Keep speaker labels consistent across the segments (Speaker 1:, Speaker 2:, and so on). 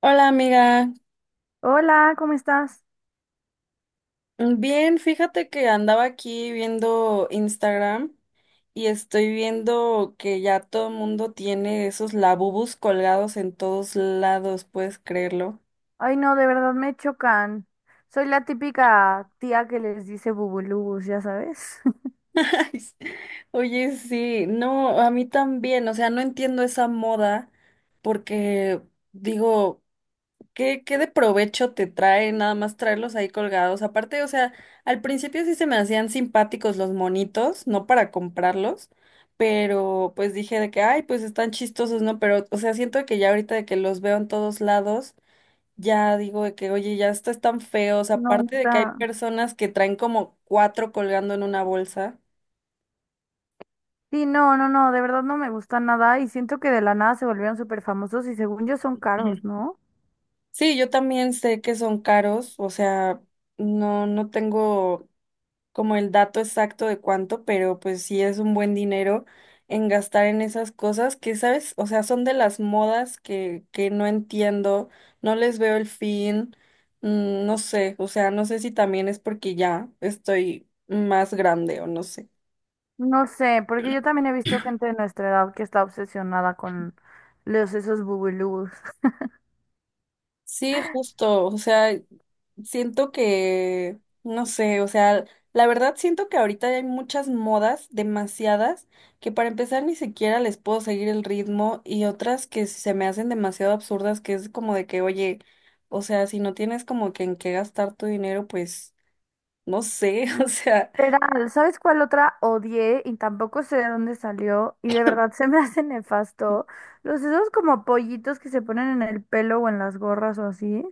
Speaker 1: Hola amiga,
Speaker 2: Hola, ¿cómo estás?
Speaker 1: bien, fíjate que andaba aquí viendo Instagram y estoy viendo que ya todo el mundo tiene esos labubus colgados en todos lados, ¿puedes creerlo?
Speaker 2: Ay, no, de verdad me chocan. Soy la típica tía que les dice bubulubus, ya sabes.
Speaker 1: Ay, sí. Oye, sí, no, a mí también, o sea, no entiendo esa moda porque digo, ¿Qué de provecho te trae nada más traerlos ahí colgados? Aparte, o sea, al principio sí se me hacían simpáticos los monitos, no para comprarlos, pero pues dije de que, ay, pues están chistosos, ¿no? Pero, o sea, siento que ya ahorita de que los veo en todos lados, ya digo de que, oye, ya estos están feos,
Speaker 2: No,
Speaker 1: aparte de que hay
Speaker 2: neta.
Speaker 1: personas que traen como cuatro colgando en una bolsa.
Speaker 2: Sí, no, no, no, de verdad no me gusta nada y siento que de la nada se volvieron súper famosos y según yo son caros, ¿no?
Speaker 1: Sí, yo también sé que son caros, o sea, no, no tengo como el dato exacto de cuánto, pero pues sí es un buen dinero en gastar en esas cosas que, ¿sabes? O sea, son de las modas que no entiendo, no les veo el fin, mm, no sé, o sea, no sé si también es porque ya estoy más grande o no sé.
Speaker 2: No sé, porque yo también he visto gente de nuestra edad que está obsesionada con los esos bubulubus.
Speaker 1: Sí, justo, o sea, siento que, no sé, o sea, la verdad siento que ahorita hay muchas modas, demasiadas, que para empezar ni siquiera les puedo seguir el ritmo y otras que se me hacen demasiado absurdas, que es como de que, oye, o sea, si no tienes como que en qué gastar tu dinero, pues, no sé, o sea,
Speaker 2: Literal, ¿sabes cuál otra odié y tampoco sé de dónde salió? Y de verdad se me hace nefasto. Los esos como pollitos que se ponen en el pelo o en las gorras o así.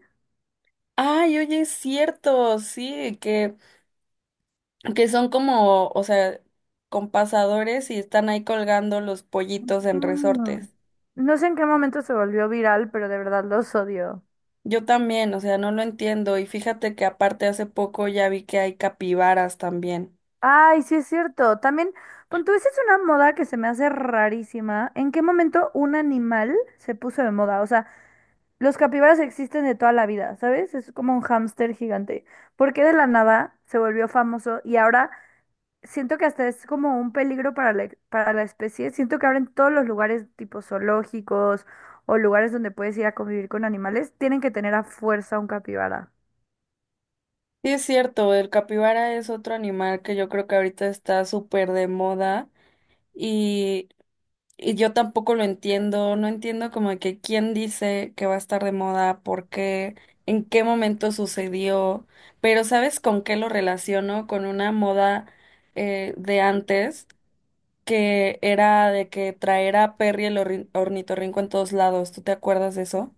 Speaker 1: ay, oye, es cierto, sí, que son como, o sea, con pasadores y están ahí colgando los pollitos en
Speaker 2: Mm.
Speaker 1: resortes.
Speaker 2: No sé en qué momento se volvió viral, pero de verdad los odio.
Speaker 1: Yo también, o sea, no lo entiendo. Y fíjate que aparte hace poco ya vi que hay capibaras también.
Speaker 2: Ay, sí es cierto. También, pon tú, esa es una moda que se me hace rarísima. ¿En qué momento un animal se puso de moda? O sea, los capibaras existen de toda la vida, ¿sabes? Es como un hámster gigante. ¿Por qué de la nada se volvió famoso y ahora? Siento que hasta es como un peligro para la especie. Siento que ahora en todos los lugares tipo zoológicos o lugares donde puedes ir a convivir con animales, tienen que tener a fuerza un capibara.
Speaker 1: Sí, es cierto, el capibara es otro animal que yo creo que ahorita está súper de moda y, y yo tampoco lo entiendo, no entiendo como de que quién dice que va a estar de moda, por qué, en qué momento sucedió, pero ¿sabes con qué lo relaciono? Con una moda de antes que era de que traer a Perry el ornitorrinco en todos lados. ¿Tú te acuerdas de eso?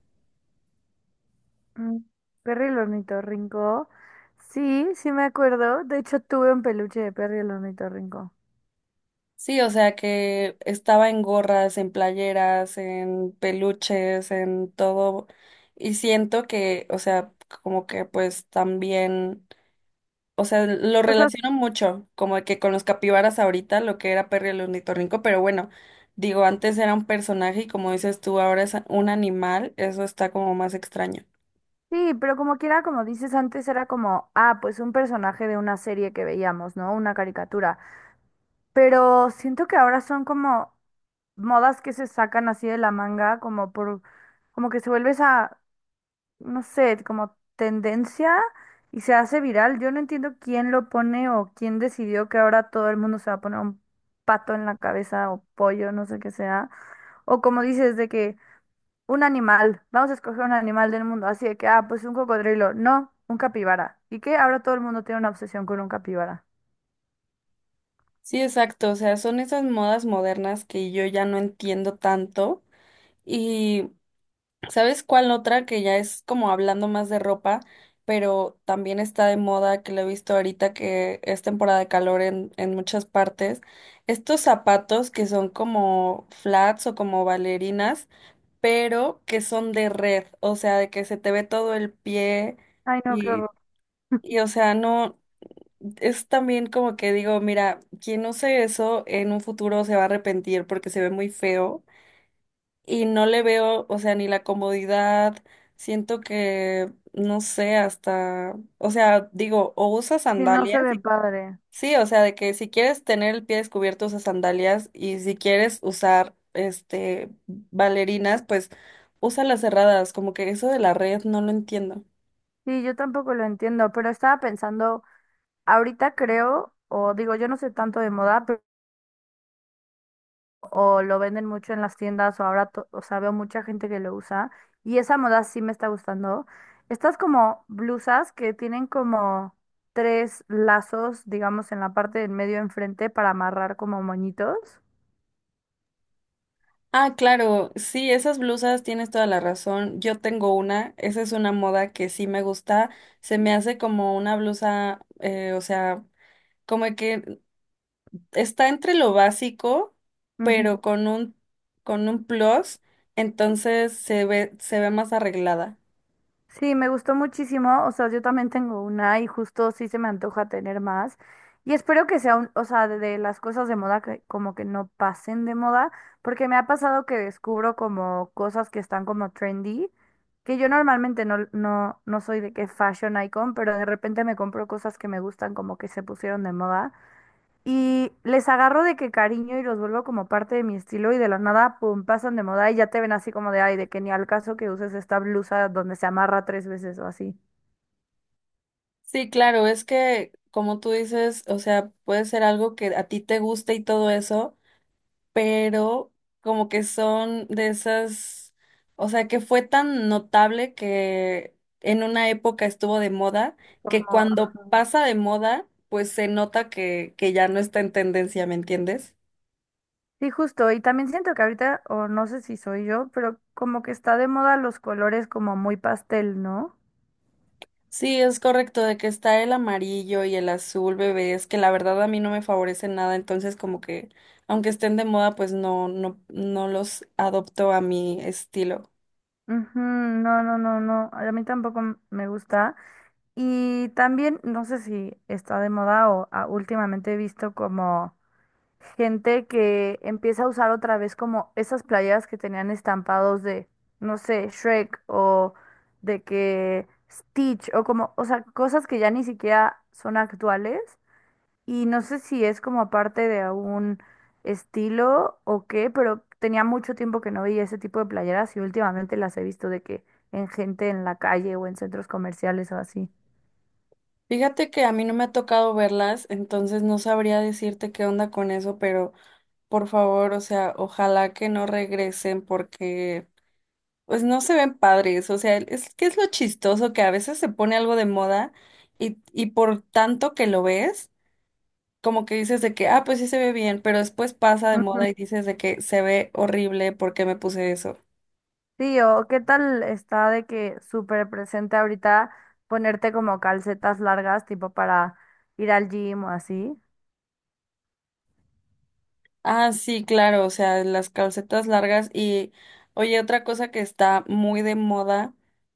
Speaker 2: Mm, Perro y el ornitorrinco. Sí, sí me acuerdo. De hecho, tuve un peluche de perro y el ornitorrinco.
Speaker 1: Sí, o sea que estaba en gorras, en playeras, en peluches, en todo. Y siento que, o sea, como que pues también, o sea, lo
Speaker 2: O sea,
Speaker 1: relaciono mucho, como que con los capibaras ahorita, lo que era Perry el ornitorrinco, pero bueno, digo, antes era un personaje y como dices tú, ahora es un animal, eso está como más extraño.
Speaker 2: sí, pero como quiera, como dices antes, era como, ah, pues un personaje de una serie que veíamos, ¿no? Una caricatura. Pero siento que ahora son como modas que se sacan así de la manga, como que se vuelve esa, no sé, como tendencia y se hace viral. Yo no entiendo quién lo pone o quién decidió que ahora todo el mundo se va a poner un pato en la cabeza o pollo, no sé qué sea. O como dices, de que un animal, vamos a escoger un animal del mundo, así de que, ah, pues un cocodrilo, no, un capibara. ¿Y qué? Ahora todo el mundo tiene una obsesión con un capibara.
Speaker 1: Sí, exacto. O sea, son esas modas modernas que yo ya no entiendo tanto. Y, ¿sabes cuál otra que ya es como hablando más de ropa, pero también está de moda, que lo he visto ahorita que es temporada de calor en muchas partes? Estos zapatos que son como flats o como bailarinas, pero que son de red, o sea, de que se te ve todo el pie
Speaker 2: Ay, no, qué
Speaker 1: y,
Speaker 2: horror.
Speaker 1: y o sea, no es también como que digo, mira, quien use eso en un futuro se va a arrepentir porque se ve muy feo y no le veo, o sea, ni la comodidad, siento que, no sé, hasta, o sea, digo, o usas
Speaker 2: Sí, no
Speaker 1: sandalias
Speaker 2: se ve
Speaker 1: y
Speaker 2: padre.
Speaker 1: sí, o sea, de que si quieres tener el pie descubierto usas sandalias y si quieres usar, este, bailarinas, pues usa las cerradas, como que eso de la red no lo entiendo.
Speaker 2: Sí, yo tampoco lo entiendo, pero estaba pensando. Ahorita creo, o digo, yo no sé tanto de moda, pero o lo venden mucho en las tiendas, o ahora, o sea, veo mucha gente que lo usa, y esa moda sí me está gustando. Estas como blusas que tienen como tres lazos, digamos, en la parte del medio enfrente para amarrar como moñitos.
Speaker 1: Ah, claro, sí, esas blusas tienes toda la razón. Yo tengo una, esa es una moda que sí me gusta. Se me hace como una blusa, o sea, como que está entre lo básico, pero con un plus, entonces se ve más arreglada.
Speaker 2: Sí, me gustó muchísimo. O sea, yo también tengo una y justo sí se me antoja tener más. Y espero que sea un, o sea, de las cosas de moda que como que no pasen de moda, porque me ha pasado que descubro como cosas que están como trendy, que yo normalmente no, no, no soy de que fashion icon, pero de repente me compro cosas que me gustan como que se pusieron de moda. Y les agarro de que cariño y los vuelvo como parte de mi estilo y de la nada, pum, pasan de moda y ya te ven así como de, ay, de que ni al caso que uses esta blusa donde se amarra tres veces o así.
Speaker 1: Sí, claro, es que como tú dices, o sea, puede ser algo que a ti te guste y todo eso, pero como que son de esas, o sea, que fue tan notable que en una época estuvo de moda, que
Speaker 2: Como,
Speaker 1: cuando
Speaker 2: ajá.
Speaker 1: pasa de moda, pues se nota que ya no está en tendencia, ¿me entiendes?
Speaker 2: Sí, justo. Y también siento que ahorita, o no sé si soy yo, pero como que está de moda los colores como muy pastel, ¿no?
Speaker 1: Sí, es correcto, de que está el amarillo y el azul, bebé, es que la verdad a mí no me favorece nada, entonces como que aunque estén de moda, pues no, no, no los adopto a mi estilo.
Speaker 2: Ujú. No, no, no, no. A mí tampoco me gusta. Y también, no sé si está de moda o últimamente he visto como gente que empieza a usar otra vez como esas playeras que tenían estampados de, no sé, Shrek o de que Stitch o como, o sea, cosas que ya ni siquiera son actuales y no sé si es como parte de algún estilo o qué, pero tenía mucho tiempo que no veía ese tipo de playeras y últimamente las he visto de que en gente en la calle o en centros comerciales o así.
Speaker 1: Fíjate que a mí no me ha tocado verlas, entonces no sabría decirte qué onda con eso, pero por favor, o sea, ojalá que no regresen porque pues no se ven padres, o sea, es que es lo chistoso que a veces se pone algo de moda y por tanto que lo ves, como que dices de que, ah, pues sí se ve bien, pero después pasa de
Speaker 2: Ujú.
Speaker 1: moda y dices de que se ve horrible, ¿por qué me puse eso?
Speaker 2: Sí, o qué tal está de que súper presente ahorita ponerte como calcetas largas, tipo para ir al gym o así.
Speaker 1: Ah, sí, claro, o sea, las calcetas largas y, oye, otra cosa que está muy de moda,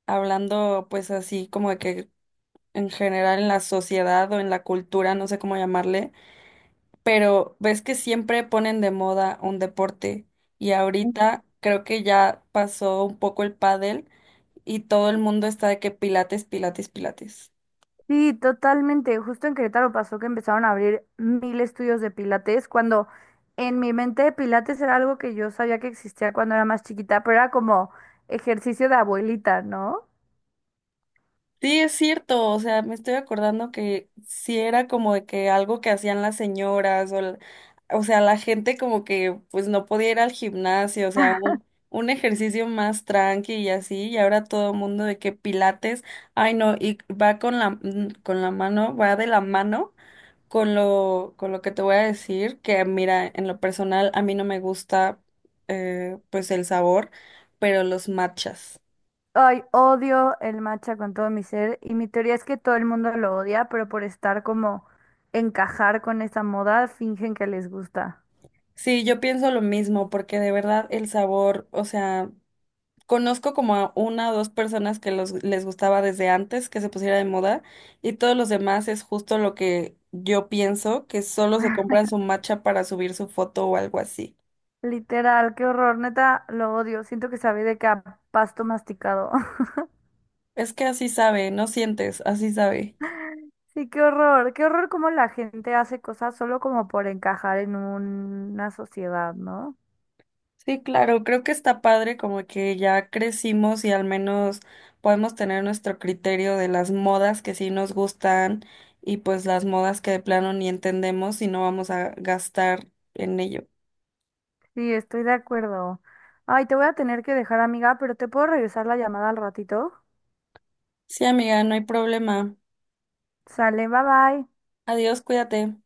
Speaker 1: hablando pues así como de que en general en la sociedad o en la cultura, no sé cómo llamarle, pero ves que siempre ponen de moda un deporte y ahorita creo que ya pasó un poco el pádel y todo el mundo está de que pilates, pilates, pilates.
Speaker 2: Sí, totalmente. Justo en Querétaro pasó que empezaron a abrir mil estudios de pilates, cuando en mi mente pilates era algo que yo sabía que existía cuando era más chiquita, pero era como ejercicio de abuelita, ¿no?
Speaker 1: Sí, es cierto, o sea, me estoy acordando que sí era como de que algo que hacían las señoras o, o sea, la gente como que pues no podía ir al gimnasio, o sea, un ejercicio más tranqui y así, y ahora todo el mundo de que pilates, ay no, y va con la mano, va de la mano con lo que te voy a decir, que mira, en lo personal a mí no me gusta pues el sabor, pero los matchas.
Speaker 2: Ay, odio el matcha con todo mi ser y mi teoría es que todo el mundo lo odia, pero por estar como encajar con esa moda, fingen que les gusta.
Speaker 1: Sí, yo pienso lo mismo, porque de verdad el sabor, o sea, conozco como a una o dos personas que les gustaba desde antes que se pusiera de moda, y todos los demás es justo lo que yo pienso, que solo se compran su matcha para subir su foto o algo así.
Speaker 2: Literal, qué horror, neta, lo odio. Siento que sabe de que a pasto masticado.
Speaker 1: Es que así sabe, no sientes, así sabe.
Speaker 2: Sí, qué horror cómo la gente hace cosas solo como por encajar en una sociedad, ¿no?
Speaker 1: Sí, claro, creo que está padre como que ya crecimos y al menos podemos tener nuestro criterio de las modas que sí nos gustan y pues las modas que de plano ni entendemos y no vamos a gastar en ello.
Speaker 2: Sí, estoy de acuerdo. Ay, te voy a tener que dejar, amiga, pero te puedo regresar la llamada al ratito.
Speaker 1: Sí, amiga, no hay problema.
Speaker 2: Sale, bye bye.
Speaker 1: Adiós, cuídate.